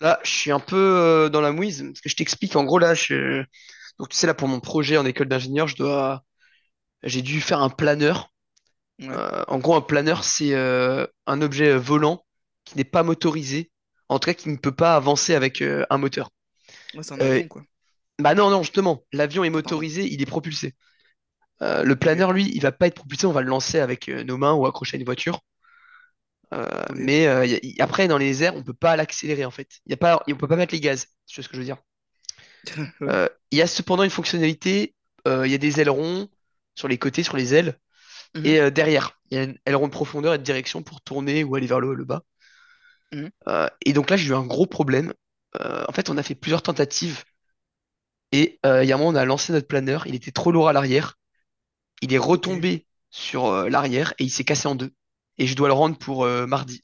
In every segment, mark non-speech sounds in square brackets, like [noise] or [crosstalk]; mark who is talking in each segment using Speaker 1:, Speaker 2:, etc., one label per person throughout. Speaker 1: Là, je suis un peu dans la mouise, parce que je t'explique, en gros, là, donc tu sais, là, pour mon projet en école d'ingénieur, j'ai dû faire un planeur.
Speaker 2: Ouais,
Speaker 1: En gros, un planeur, c'est un objet volant qui n'est pas motorisé, en tout cas, qui ne peut pas avancer avec un moteur.
Speaker 2: ouais, c'est un
Speaker 1: Euh,
Speaker 2: avion, quoi.
Speaker 1: bah non, non, justement, l'avion est
Speaker 2: Ah, pardon.
Speaker 1: motorisé, il est propulsé. Le
Speaker 2: Ok,
Speaker 1: planeur, lui, il va pas être propulsé, on va le lancer avec nos mains ou accrocher à une voiture. Euh,
Speaker 2: ok.
Speaker 1: mais après, dans les airs, on peut pas l'accélérer, en fait. Y a pas... On peut pas mettre les gaz, c'est ce que je veux dire.
Speaker 2: [laughs] Ouais.
Speaker 1: Il y a cependant une fonctionnalité. Il y a des ailerons sur les côtés, sur les ailes,
Speaker 2: Mhm,
Speaker 1: et derrière, il y a un aileron de profondeur et de direction pour tourner ou aller vers le haut et le bas.
Speaker 2: mhm,
Speaker 1: Et donc là, j'ai eu un gros problème. En fait, on a fait plusieurs tentatives, et il y a un moment, on a lancé notre planeur, il était trop lourd à l'arrière, il est
Speaker 2: Ok.
Speaker 1: retombé sur l'arrière, et il s'est cassé en deux, et je dois le rendre pour mardi.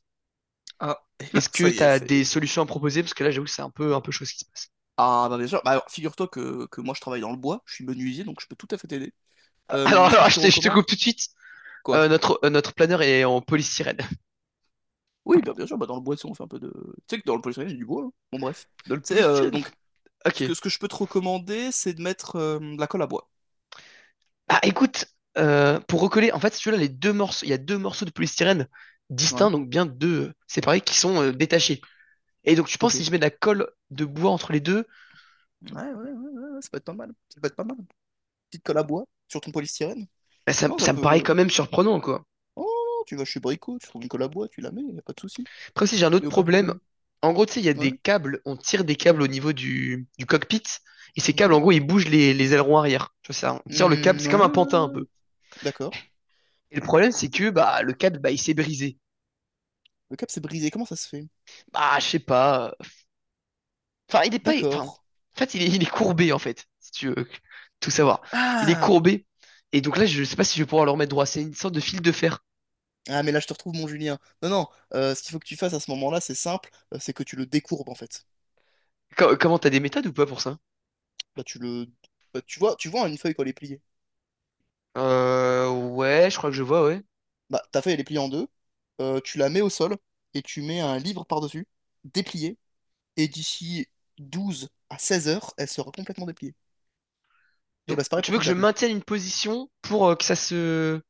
Speaker 2: Ah, [laughs] et ben,
Speaker 1: Est-ce que
Speaker 2: ça y
Speaker 1: tu
Speaker 2: est,
Speaker 1: as des
Speaker 2: c'est.
Speaker 1: solutions à proposer? Parce que là, j'avoue que c'est un peu chaud ce qui se passe.
Speaker 2: Ah, bah bien sûr. Bah, alors, figure-toi que moi, je travaille dans le bois. Je suis menuisier, donc je peux tout à fait t'aider.
Speaker 1: [laughs]
Speaker 2: Ce que
Speaker 1: Alors,
Speaker 2: je
Speaker 1: je
Speaker 2: te
Speaker 1: te, je te
Speaker 2: recommande,
Speaker 1: coupe tout de suite.
Speaker 2: quoi?
Speaker 1: Notre planeur est en polystyrène.
Speaker 2: Oui, bah, bien sûr, bah, dans le bois, tu sais, on fait un peu de. Tu sais que dans le polystyrène, il y a du bois, hein. Bon, bref.
Speaker 1: [laughs] Dans le
Speaker 2: Tu sais,
Speaker 1: polystyrène.
Speaker 2: donc,
Speaker 1: Ok.
Speaker 2: ce que je peux te recommander, c'est de mettre de la colle à bois.
Speaker 1: Ah, écoute, pour recoller, en fait, si tu veux, là, les deux morceaux, il y a deux morceaux de polystyrène distincts,
Speaker 2: Ouais,
Speaker 1: donc bien deux séparés, qui sont détachés. Et donc, tu penses,
Speaker 2: ok.
Speaker 1: si
Speaker 2: Ouais,
Speaker 1: je mets de la colle de bois entre les deux,
Speaker 2: ouais, ouais, ouais, ouais, ça peut être pas mal. Ça peut être pas mal. Petite colle à bois sur ton polystyrène.
Speaker 1: bah, ça,
Speaker 2: Non, ça
Speaker 1: ça me paraît
Speaker 2: peut.
Speaker 1: quand même surprenant, quoi.
Speaker 2: Oh, non, tu vas chez Brico, tu trouves Nicolas Bois, tu la mets, y a pas de souci.
Speaker 1: Après, si j'ai un
Speaker 2: Y
Speaker 1: autre
Speaker 2: a aucun
Speaker 1: problème,
Speaker 2: problème.
Speaker 1: en gros, tu sais, il y a
Speaker 2: Ouais,
Speaker 1: des câbles, on tire des câbles au niveau du cockpit, et ces câbles,
Speaker 2: ok.
Speaker 1: en gros, ils bougent les ailerons arrière. Tu vois, ça, on tire le câble,
Speaker 2: Hmm,
Speaker 1: c'est comme
Speaker 2: ouais,
Speaker 1: un
Speaker 2: ouais,
Speaker 1: pantin un
Speaker 2: ouais,
Speaker 1: peu.
Speaker 2: d'accord.
Speaker 1: Et le problème, c'est que bah, le câble, bah, il s'est brisé.
Speaker 2: Le cap s'est brisé, comment ça se fait?
Speaker 1: Bah, je sais pas. Enfin, il est pas. Enfin,
Speaker 2: D'accord.
Speaker 1: en fait, il est courbé, en fait, si tu veux tout savoir. Il est
Speaker 2: Ah!
Speaker 1: courbé. Et donc là, je sais pas si je vais pouvoir le remettre droit. C'est une sorte de fil de fer.
Speaker 2: Ah, mais là, je te retrouve, mon Julien. Non, non, ce qu'il faut que tu fasses à ce moment-là, c'est simple, c'est que tu le décourbes, en fait.
Speaker 1: Comment t'as des méthodes ou pas pour ça?
Speaker 2: Là tu le… bah, tu vois une feuille quand elle est pliée.
Speaker 1: Ouais, je crois que je vois, ouais.
Speaker 2: Bah, ta feuille, elle est pliée en deux, tu la mets au sol, et tu mets un livre par-dessus, déplié, et d'ici 12 à 16 heures, elle sera complètement dépliée. Et
Speaker 1: Donc,
Speaker 2: bah, c'est pareil
Speaker 1: tu
Speaker 2: pour
Speaker 1: veux
Speaker 2: ton
Speaker 1: que je
Speaker 2: câble.
Speaker 1: maintienne une position pour que ça se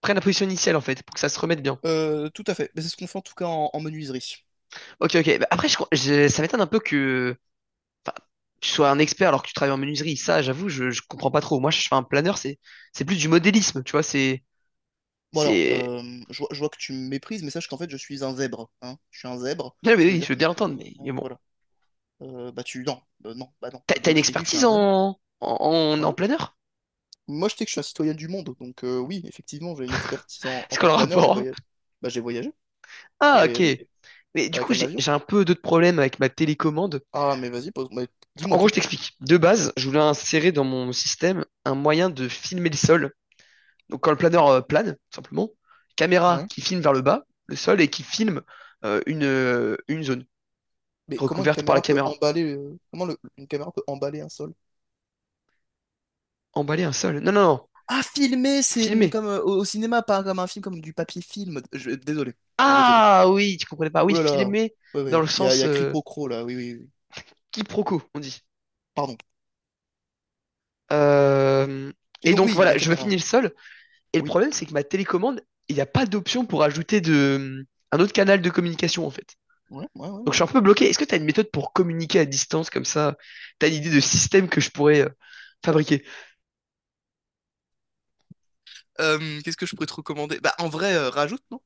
Speaker 1: prenne la position initiale, en fait, pour que ça se remette bien.
Speaker 2: Tout à fait. Mais c'est ce qu'on fait en tout cas en menuiserie.
Speaker 1: Ok, ok. Bah, après, ça m'étonne un peu que enfin, tu sois un expert alors que tu travailles en menuiserie. Ça, j'avoue, je comprends pas trop. Moi, je fais un planeur, c'est plus du modélisme, tu vois. C'est
Speaker 2: Bon alors,
Speaker 1: c'est.
Speaker 2: je vois que tu me méprises, mais sache qu'en fait je suis un zèbre, hein. Je suis un zèbre.
Speaker 1: Non, mais
Speaker 2: Ça veut
Speaker 1: oui, je
Speaker 2: dire
Speaker 1: veux
Speaker 2: que
Speaker 1: bien
Speaker 2: je peux.
Speaker 1: l'entendre, mais
Speaker 2: Bon,
Speaker 1: bon.
Speaker 2: voilà. Bah tu. Non, non, bah non.
Speaker 1: T'as une
Speaker 2: Donc je t'ai dit que je suis
Speaker 1: expertise
Speaker 2: un zèbre.
Speaker 1: en
Speaker 2: Ouais.
Speaker 1: planeur?
Speaker 2: Moi je sais que je suis un citoyen du monde. Donc oui, effectivement, j'ai une expertise en
Speaker 1: C'est
Speaker 2: tant
Speaker 1: quoi le
Speaker 2: que planeur. J'ai
Speaker 1: rapport? Hein.
Speaker 2: voyagé. Bah j'ai voyagé. J'ai
Speaker 1: Ah, ok.
Speaker 2: voyagé
Speaker 1: Mais du
Speaker 2: avec
Speaker 1: coup,
Speaker 2: un
Speaker 1: j'ai,
Speaker 2: avion.
Speaker 1: j'ai un peu d'autres problèmes avec ma télécommande.
Speaker 2: Ah mais vas-y, pose… mais
Speaker 1: Enfin, en
Speaker 2: dis-moi
Speaker 1: gros,
Speaker 2: tout.
Speaker 1: je t'explique. De base, je voulais insérer dans mon système un moyen de filmer le sol. Donc, quand le planeur plane, tout simplement, caméra
Speaker 2: Ouais.
Speaker 1: qui filme vers le bas, le sol, et qui filme une zone
Speaker 2: Mais comment une
Speaker 1: recouverte par la
Speaker 2: caméra peut
Speaker 1: caméra.
Speaker 2: emballer. Comment une caméra peut emballer un sol?
Speaker 1: Emballer un sol. Non, non, non.
Speaker 2: Ah, filmé, c'est
Speaker 1: Filmer.
Speaker 2: comme au cinéma, pas comme un film, comme du papier film. Désolé. Non, désolé.
Speaker 1: Ah oui, tu comprenais pas.
Speaker 2: Oh
Speaker 1: Oui,
Speaker 2: là là.
Speaker 1: filmer
Speaker 2: Ouais,
Speaker 1: dans le
Speaker 2: ouais. Il y
Speaker 1: sens
Speaker 2: a Cripocro, là. Oui, oui, oui.
Speaker 1: quiproquo, on dit.
Speaker 2: Pardon.
Speaker 1: Euh,
Speaker 2: Et
Speaker 1: et
Speaker 2: donc,
Speaker 1: donc
Speaker 2: oui,
Speaker 1: voilà,
Speaker 2: la
Speaker 1: je vais
Speaker 2: caméra.
Speaker 1: finir seul. Et le
Speaker 2: Oui.
Speaker 1: problème, c'est que ma télécommande, il n'y a pas d'option pour ajouter un autre canal de communication en fait.
Speaker 2: Ouais, ouais, ouais,
Speaker 1: Donc je
Speaker 2: ouais.
Speaker 1: suis un peu bloqué. Est-ce que tu as une méthode pour communiquer à distance comme ça? T'as une idée de système que je pourrais fabriquer?
Speaker 2: Qu'est-ce que je pourrais te recommander? Bah, en vrai, rajoute, non?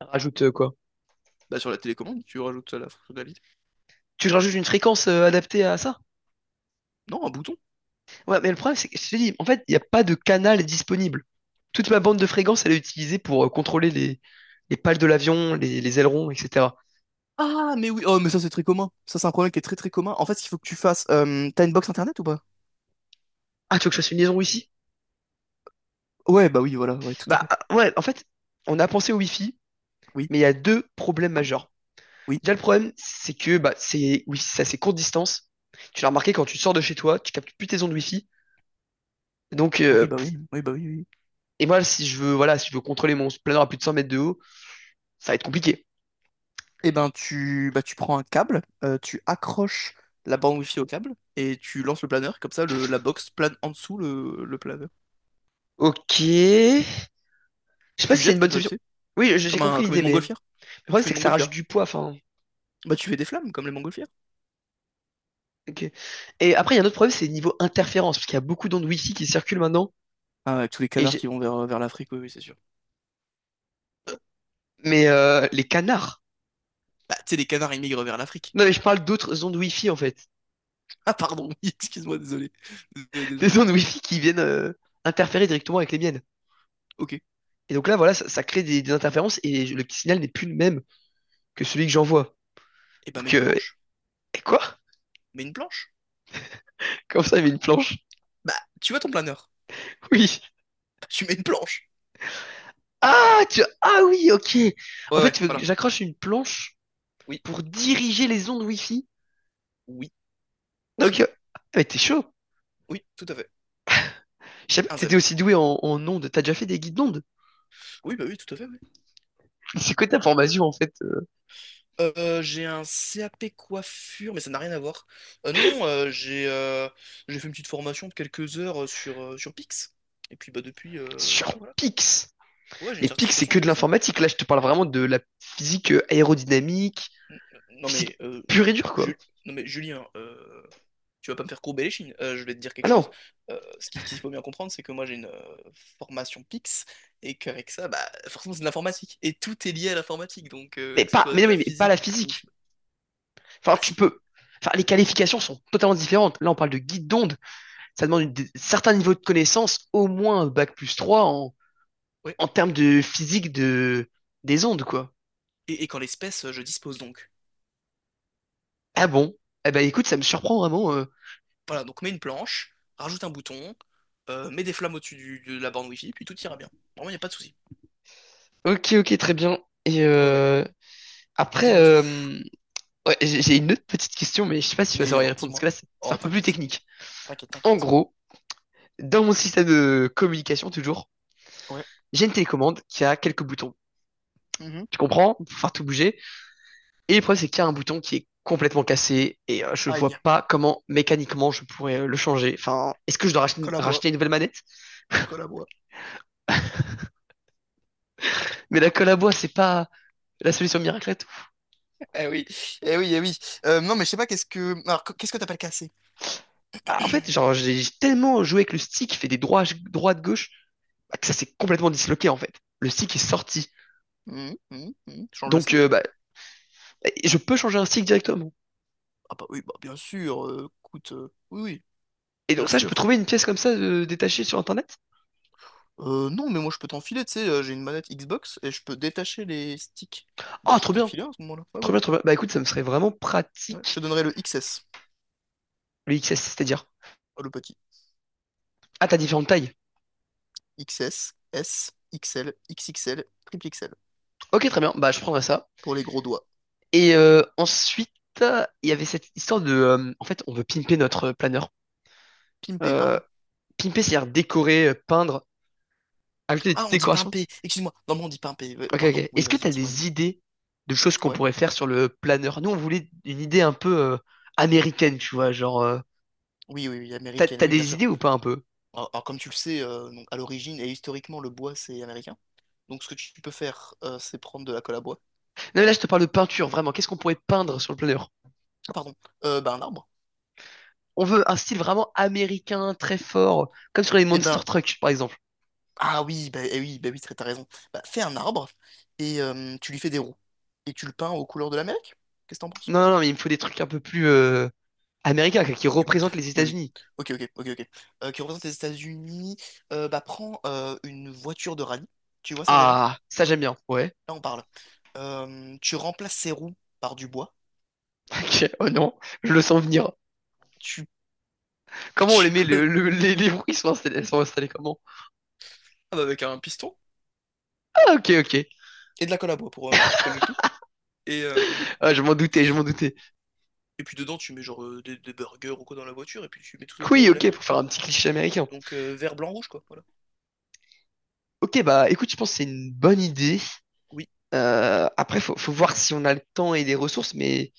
Speaker 1: Rajoute quoi?
Speaker 2: Bah, sur la télécommande, tu rajoutes ça, la fonctionnalité.
Speaker 1: Tu rajoutes une fréquence adaptée à ça?
Speaker 2: Non, un bouton.
Speaker 1: Ouais, mais le problème, c'est que je te dis, en fait, il n'y a pas de canal disponible. Toute ma bande de fréquences, elle est utilisée pour contrôler les pales de l'avion, les ailerons, etc.
Speaker 2: Ah, mais oui. Oh, mais ça, c'est très commun. Ça, c'est un problème qui est très, très commun. En fait, il faut que tu fasses. T'as une box internet ou pas?
Speaker 1: Ah, tu veux que je fasse une liaison Wi-Fi?
Speaker 2: Ouais, bah oui, voilà. Ouais, tout à
Speaker 1: Bah
Speaker 2: fait.
Speaker 1: ouais, en fait, on a pensé au Wi-Fi,
Speaker 2: Oui,
Speaker 1: mais il y a deux problèmes majeurs.
Speaker 2: oui.
Speaker 1: Déjà, le problème, c'est que bah, c'est oui, c'est assez courte distance. Tu l'as remarqué quand tu sors de chez toi, tu captes plus tes ondes Wi-Fi. Donc,
Speaker 2: Oui, bah oui. Oui, bah oui, oui.
Speaker 1: et moi, si je veux contrôler mon planeur à plus de 100 mètres de haut, ça va être compliqué.
Speaker 2: Et ben, tu, bah, tu prends un câble, tu accroches la bande Wi-Fi au câble et tu lances le planeur. Comme ça, le, la box plane en dessous le planeur.
Speaker 1: Ok. Je sais pas
Speaker 2: Tu
Speaker 1: si c'est une
Speaker 2: jettes
Speaker 1: bonne
Speaker 2: comme ça,
Speaker 1: solution.
Speaker 2: tu sais.
Speaker 1: Oui, j'ai
Speaker 2: Comme, un,
Speaker 1: compris
Speaker 2: comme une
Speaker 1: l'idée, mais le
Speaker 2: montgolfière. Tu
Speaker 1: problème,
Speaker 2: fais
Speaker 1: c'est
Speaker 2: une
Speaker 1: que ça rajoute
Speaker 2: montgolfière.
Speaker 1: du poids. Enfin,
Speaker 2: Bah, tu fais des flammes comme les montgolfières.
Speaker 1: ok. Et après, il y a un autre problème, c'est niveau interférence, parce qu'il y a beaucoup d'ondes Wi-Fi qui circulent maintenant.
Speaker 2: Ah, avec tous les
Speaker 1: Et
Speaker 2: canards
Speaker 1: j'ai-
Speaker 2: qui vont vers, vers l'Afrique, oui, oui, c'est sûr.
Speaker 1: mais les canards.
Speaker 2: Bah, tu sais, les canards, ils migrent vers l'Afrique.
Speaker 1: Non, mais je parle d'autres ondes Wi-Fi en fait,
Speaker 2: Ah, pardon, [laughs] oui, excuse-moi, désolé. Désolé,
Speaker 1: [laughs]
Speaker 2: désolé.
Speaker 1: des ondes Wi-Fi qui viennent interférer directement avec les miennes.
Speaker 2: Ok. Et
Speaker 1: Et donc là, voilà, ça crée des interférences et le petit signal n'est plus le même que celui que j'envoie.
Speaker 2: ben, mets
Speaker 1: Donc,
Speaker 2: une planche.
Speaker 1: et quoi?
Speaker 2: Mets une planche.
Speaker 1: Comme ça, il y avait une planche. [laughs]
Speaker 2: Bah, tu vois ton planeur.
Speaker 1: Oui.
Speaker 2: Bah, tu mets une planche.
Speaker 1: Ah, ah oui, ok. En
Speaker 2: Ouais,
Speaker 1: fait,
Speaker 2: ouais,
Speaker 1: tu veux que
Speaker 2: voilà.
Speaker 1: j'accroche une planche
Speaker 2: Oui,
Speaker 1: pour diriger les ondes Wi-Fi.
Speaker 2: oui,
Speaker 1: Donc,
Speaker 2: fi.
Speaker 1: ah, mais t'es chaud.
Speaker 2: Oui, tout à fait.
Speaker 1: Je savais pas
Speaker 2: Un
Speaker 1: que t'étais
Speaker 2: zèbre.
Speaker 1: aussi doué en ondes. T'as déjà fait des guides d'ondes.
Speaker 2: Oui, bah oui, tout à fait, oui.
Speaker 1: [laughs] C'est quoi ta formation, en fait,
Speaker 2: J'ai un CAP coiffure, mais ça n'a rien à voir. Non, non, J'ai j'ai fait une petite formation de quelques heures sur, sur Pix. Et puis bah depuis,
Speaker 1: sur
Speaker 2: ouais, voilà.
Speaker 1: Pix?
Speaker 2: Ouais, j'ai une
Speaker 1: Mais Pix, c'est
Speaker 2: certification
Speaker 1: que de
Speaker 2: Pix, ouais.
Speaker 1: l'informatique. Là, je te parle vraiment de la physique aérodynamique,
Speaker 2: N- euh, Non
Speaker 1: physique
Speaker 2: mais, euh,
Speaker 1: pure et dure, quoi.
Speaker 2: Ju- non, mais Julien, tu vas pas me faire courber les chines. Je vais te dire quelque
Speaker 1: Ah non,
Speaker 2: chose. Ce qu'il faut bien comprendre, c'est que moi j'ai une formation Pix, et qu'avec ça, bah forcément c'est de l'informatique. Et tout est lié à l'informatique, donc
Speaker 1: mais
Speaker 2: que ce
Speaker 1: pas,
Speaker 2: soit
Speaker 1: mais
Speaker 2: de
Speaker 1: non,
Speaker 2: la
Speaker 1: mais pas
Speaker 2: physique
Speaker 1: la
Speaker 2: ou… je
Speaker 1: physique.
Speaker 2: sais pas. Ah
Speaker 1: Enfin,
Speaker 2: bah
Speaker 1: tu
Speaker 2: si,
Speaker 1: peux. Enfin, les qualifications sont totalement différentes. Là, on parle de guide d'onde. Ça demande certains niveaux de connaissances, au moins bac+3 en,
Speaker 2: ouais.
Speaker 1: en termes de physique des ondes, quoi.
Speaker 2: Et qu'en l'espèce, je dispose donc.
Speaker 1: Ah bon? Eh ben, écoute, ça me surprend vraiment.
Speaker 2: Voilà, donc mets une planche, rajoute un bouton, mets des flammes au-dessus de la borne Wi-Fi, puis tout ira bien. Vraiment, il n'y a pas de souci.
Speaker 1: Ok, ok, très bien. Et
Speaker 2: Ouais, ouais,
Speaker 1: après,
Speaker 2: dis-moi tout.
Speaker 1: ouais, j'ai une autre petite question, mais je sais pas si tu vas
Speaker 2: Mais
Speaker 1: savoir y
Speaker 2: alors,
Speaker 1: répondre, parce que
Speaker 2: dis-moi.
Speaker 1: là, c'est
Speaker 2: Oh,
Speaker 1: un peu plus
Speaker 2: t'inquiète,
Speaker 1: technique.
Speaker 2: t'inquiète,
Speaker 1: En
Speaker 2: t'inquiète.
Speaker 1: gros, dans mon système de communication, toujours,
Speaker 2: Ouais.
Speaker 1: j'ai une télécommande qui a quelques boutons.
Speaker 2: Mhm.
Speaker 1: Tu comprends? Pour faire tout bouger. Et le problème, c'est qu'il y a un bouton qui est complètement cassé et je
Speaker 2: Aïe,
Speaker 1: vois pas comment mécaniquement je pourrais le changer. Enfin, est-ce que je dois
Speaker 2: colle à bois,
Speaker 1: racheter une nouvelle manette?
Speaker 2: colle à bois.
Speaker 1: Mais la colle à bois, c'est pas la solution miracle à tout.
Speaker 2: [laughs] Eh oui, eh oui, eh oui. Non, mais je sais pas, qu'est-ce que… Alors, qu'est-ce que t'appelles casser?
Speaker 1: Bah, en fait, genre, j'ai tellement joué avec le stick qui fait droite, gauche, bah, que ça s'est complètement disloqué, en fait. Le stick est sorti.
Speaker 2: Mhm, mhm, mhm. Change le
Speaker 1: Donc,
Speaker 2: stick?
Speaker 1: bah, je peux changer un stick directement.
Speaker 2: Ah bah oui, bah bien sûr, écoute, oui, oui,
Speaker 1: Et
Speaker 2: bien
Speaker 1: donc ça, je peux
Speaker 2: sûr.
Speaker 1: trouver une pièce comme ça détachée sur Internet?
Speaker 2: Non, mais moi je peux t'enfiler, tu sais, j'ai une manette Xbox et je peux détacher les sticks. Bah
Speaker 1: Ah,
Speaker 2: je
Speaker 1: trop
Speaker 2: peux
Speaker 1: bien,
Speaker 2: t'enfiler à ce moment-là, ouais,
Speaker 1: trop
Speaker 2: voilà.
Speaker 1: bien, trop bien. Bah écoute, ça me serait vraiment
Speaker 2: Ouais, je te
Speaker 1: pratique,
Speaker 2: donnerai le XS,
Speaker 1: le XS, c'est-à-dire.
Speaker 2: le petit.
Speaker 1: Ah, t'as différentes tailles.
Speaker 2: XS, S, XL, XXL, triple XL.
Speaker 1: Ok, très bien, bah je prendrai ça.
Speaker 2: Pour les gros doigts.
Speaker 1: Et ensuite, il y avait cette histoire en fait, on veut pimper notre planeur.
Speaker 2: Pimpé,
Speaker 1: Euh,
Speaker 2: pardon.
Speaker 1: pimper, c'est-à-dire décorer, peindre, ajouter des
Speaker 2: Ah,
Speaker 1: petites
Speaker 2: on dit
Speaker 1: décorations.
Speaker 2: pimpé, excuse-moi. Non, mais on dit pimpé,
Speaker 1: Ok,
Speaker 2: pardon.
Speaker 1: ok.
Speaker 2: Oui,
Speaker 1: Est-ce que
Speaker 2: vas-y,
Speaker 1: tu as
Speaker 2: dis-moi,
Speaker 1: des
Speaker 2: dis-moi.
Speaker 1: idées de choses qu'on
Speaker 2: Ouais?
Speaker 1: pourrait faire sur le planeur? Nous, on voulait une idée un peu américaine, tu vois.
Speaker 2: Oui, oui, oui,
Speaker 1: T'as,
Speaker 2: américaine,
Speaker 1: t'as
Speaker 2: oui, bien
Speaker 1: des
Speaker 2: sûr.
Speaker 1: idées ou pas un peu?
Speaker 2: Alors, comme tu le sais, donc, à l'origine et historiquement, le bois, c'est américain. Donc, ce que tu peux faire, c'est prendre de la colle à bois.
Speaker 1: Non, mais là, je te parle de peinture, vraiment. Qu'est-ce qu'on pourrait peindre sur le planeur?
Speaker 2: Ah, pardon. Bah, un arbre.
Speaker 1: On veut un style vraiment américain, très fort, comme sur les
Speaker 2: Et
Speaker 1: Monster
Speaker 2: ben,
Speaker 1: Trucks, par exemple.
Speaker 2: ah oui, bah, eh oui, bah oui, t'as raison. Bah, fais un arbre et tu lui fais des roues. Et tu le peins aux couleurs de l'Amérique. Qu'est-ce que t'en penses?
Speaker 1: Non, non, mais il me faut des trucs un peu plus américains, quoi, qui
Speaker 2: Ok,
Speaker 1: représentent les
Speaker 2: oui, oui.
Speaker 1: États-Unis.
Speaker 2: Ok, ok, ok, ok. Qui représente les États-Unis. Bah, prends une voiture de rallye. Tu vois ça déjà?
Speaker 1: Ah, ça j'aime bien. Ouais.
Speaker 2: Là, on parle. Tu remplaces ses roues par du bois.
Speaker 1: [laughs] Ok. Oh non, je le sens venir.
Speaker 2: Tu, [laughs]
Speaker 1: Comment on les
Speaker 2: tu
Speaker 1: met le,
Speaker 2: colles
Speaker 1: le- les, les bruits sont installés comment?
Speaker 2: ah bah, avec un piston
Speaker 1: Ah, ok, ok.
Speaker 2: et de la colle à bois pour coller le tout. Et, euh,
Speaker 1: Ah, je m'en doutais, je m'en doutais.
Speaker 2: et puis dedans, tu mets genre des burgers ou quoi dans la voiture. Et puis tu mets tout aux couleurs
Speaker 1: Oui,
Speaker 2: de
Speaker 1: ok, pour
Speaker 2: l'Amérique,
Speaker 1: faire
Speaker 2: quoi.
Speaker 1: un petit cliché américain.
Speaker 2: Donc vert, blanc, rouge, quoi. Voilà.
Speaker 1: Ok, bah écoute, je pense que c'est une bonne idée.
Speaker 2: Oui,
Speaker 1: Après faut voir si on a le temps et les ressources mais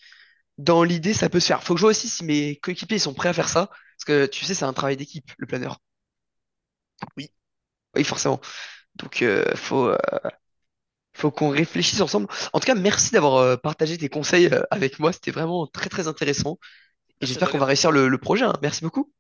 Speaker 1: dans l'idée ça peut se faire. Faut que je vois aussi si mes coéquipiers sont prêts à faire ça parce que tu sais c'est un travail d'équipe le planeur.
Speaker 2: oui.
Speaker 1: Oui, forcément. Donc faut qu'on réfléchisse ensemble. En tout cas merci d'avoir partagé tes conseils avec moi c'était vraiment très très intéressant. Et
Speaker 2: Merci à
Speaker 1: j'espère
Speaker 2: toi,
Speaker 1: qu'on va
Speaker 2: gamin.
Speaker 1: réussir le projet. Hein. Merci beaucoup.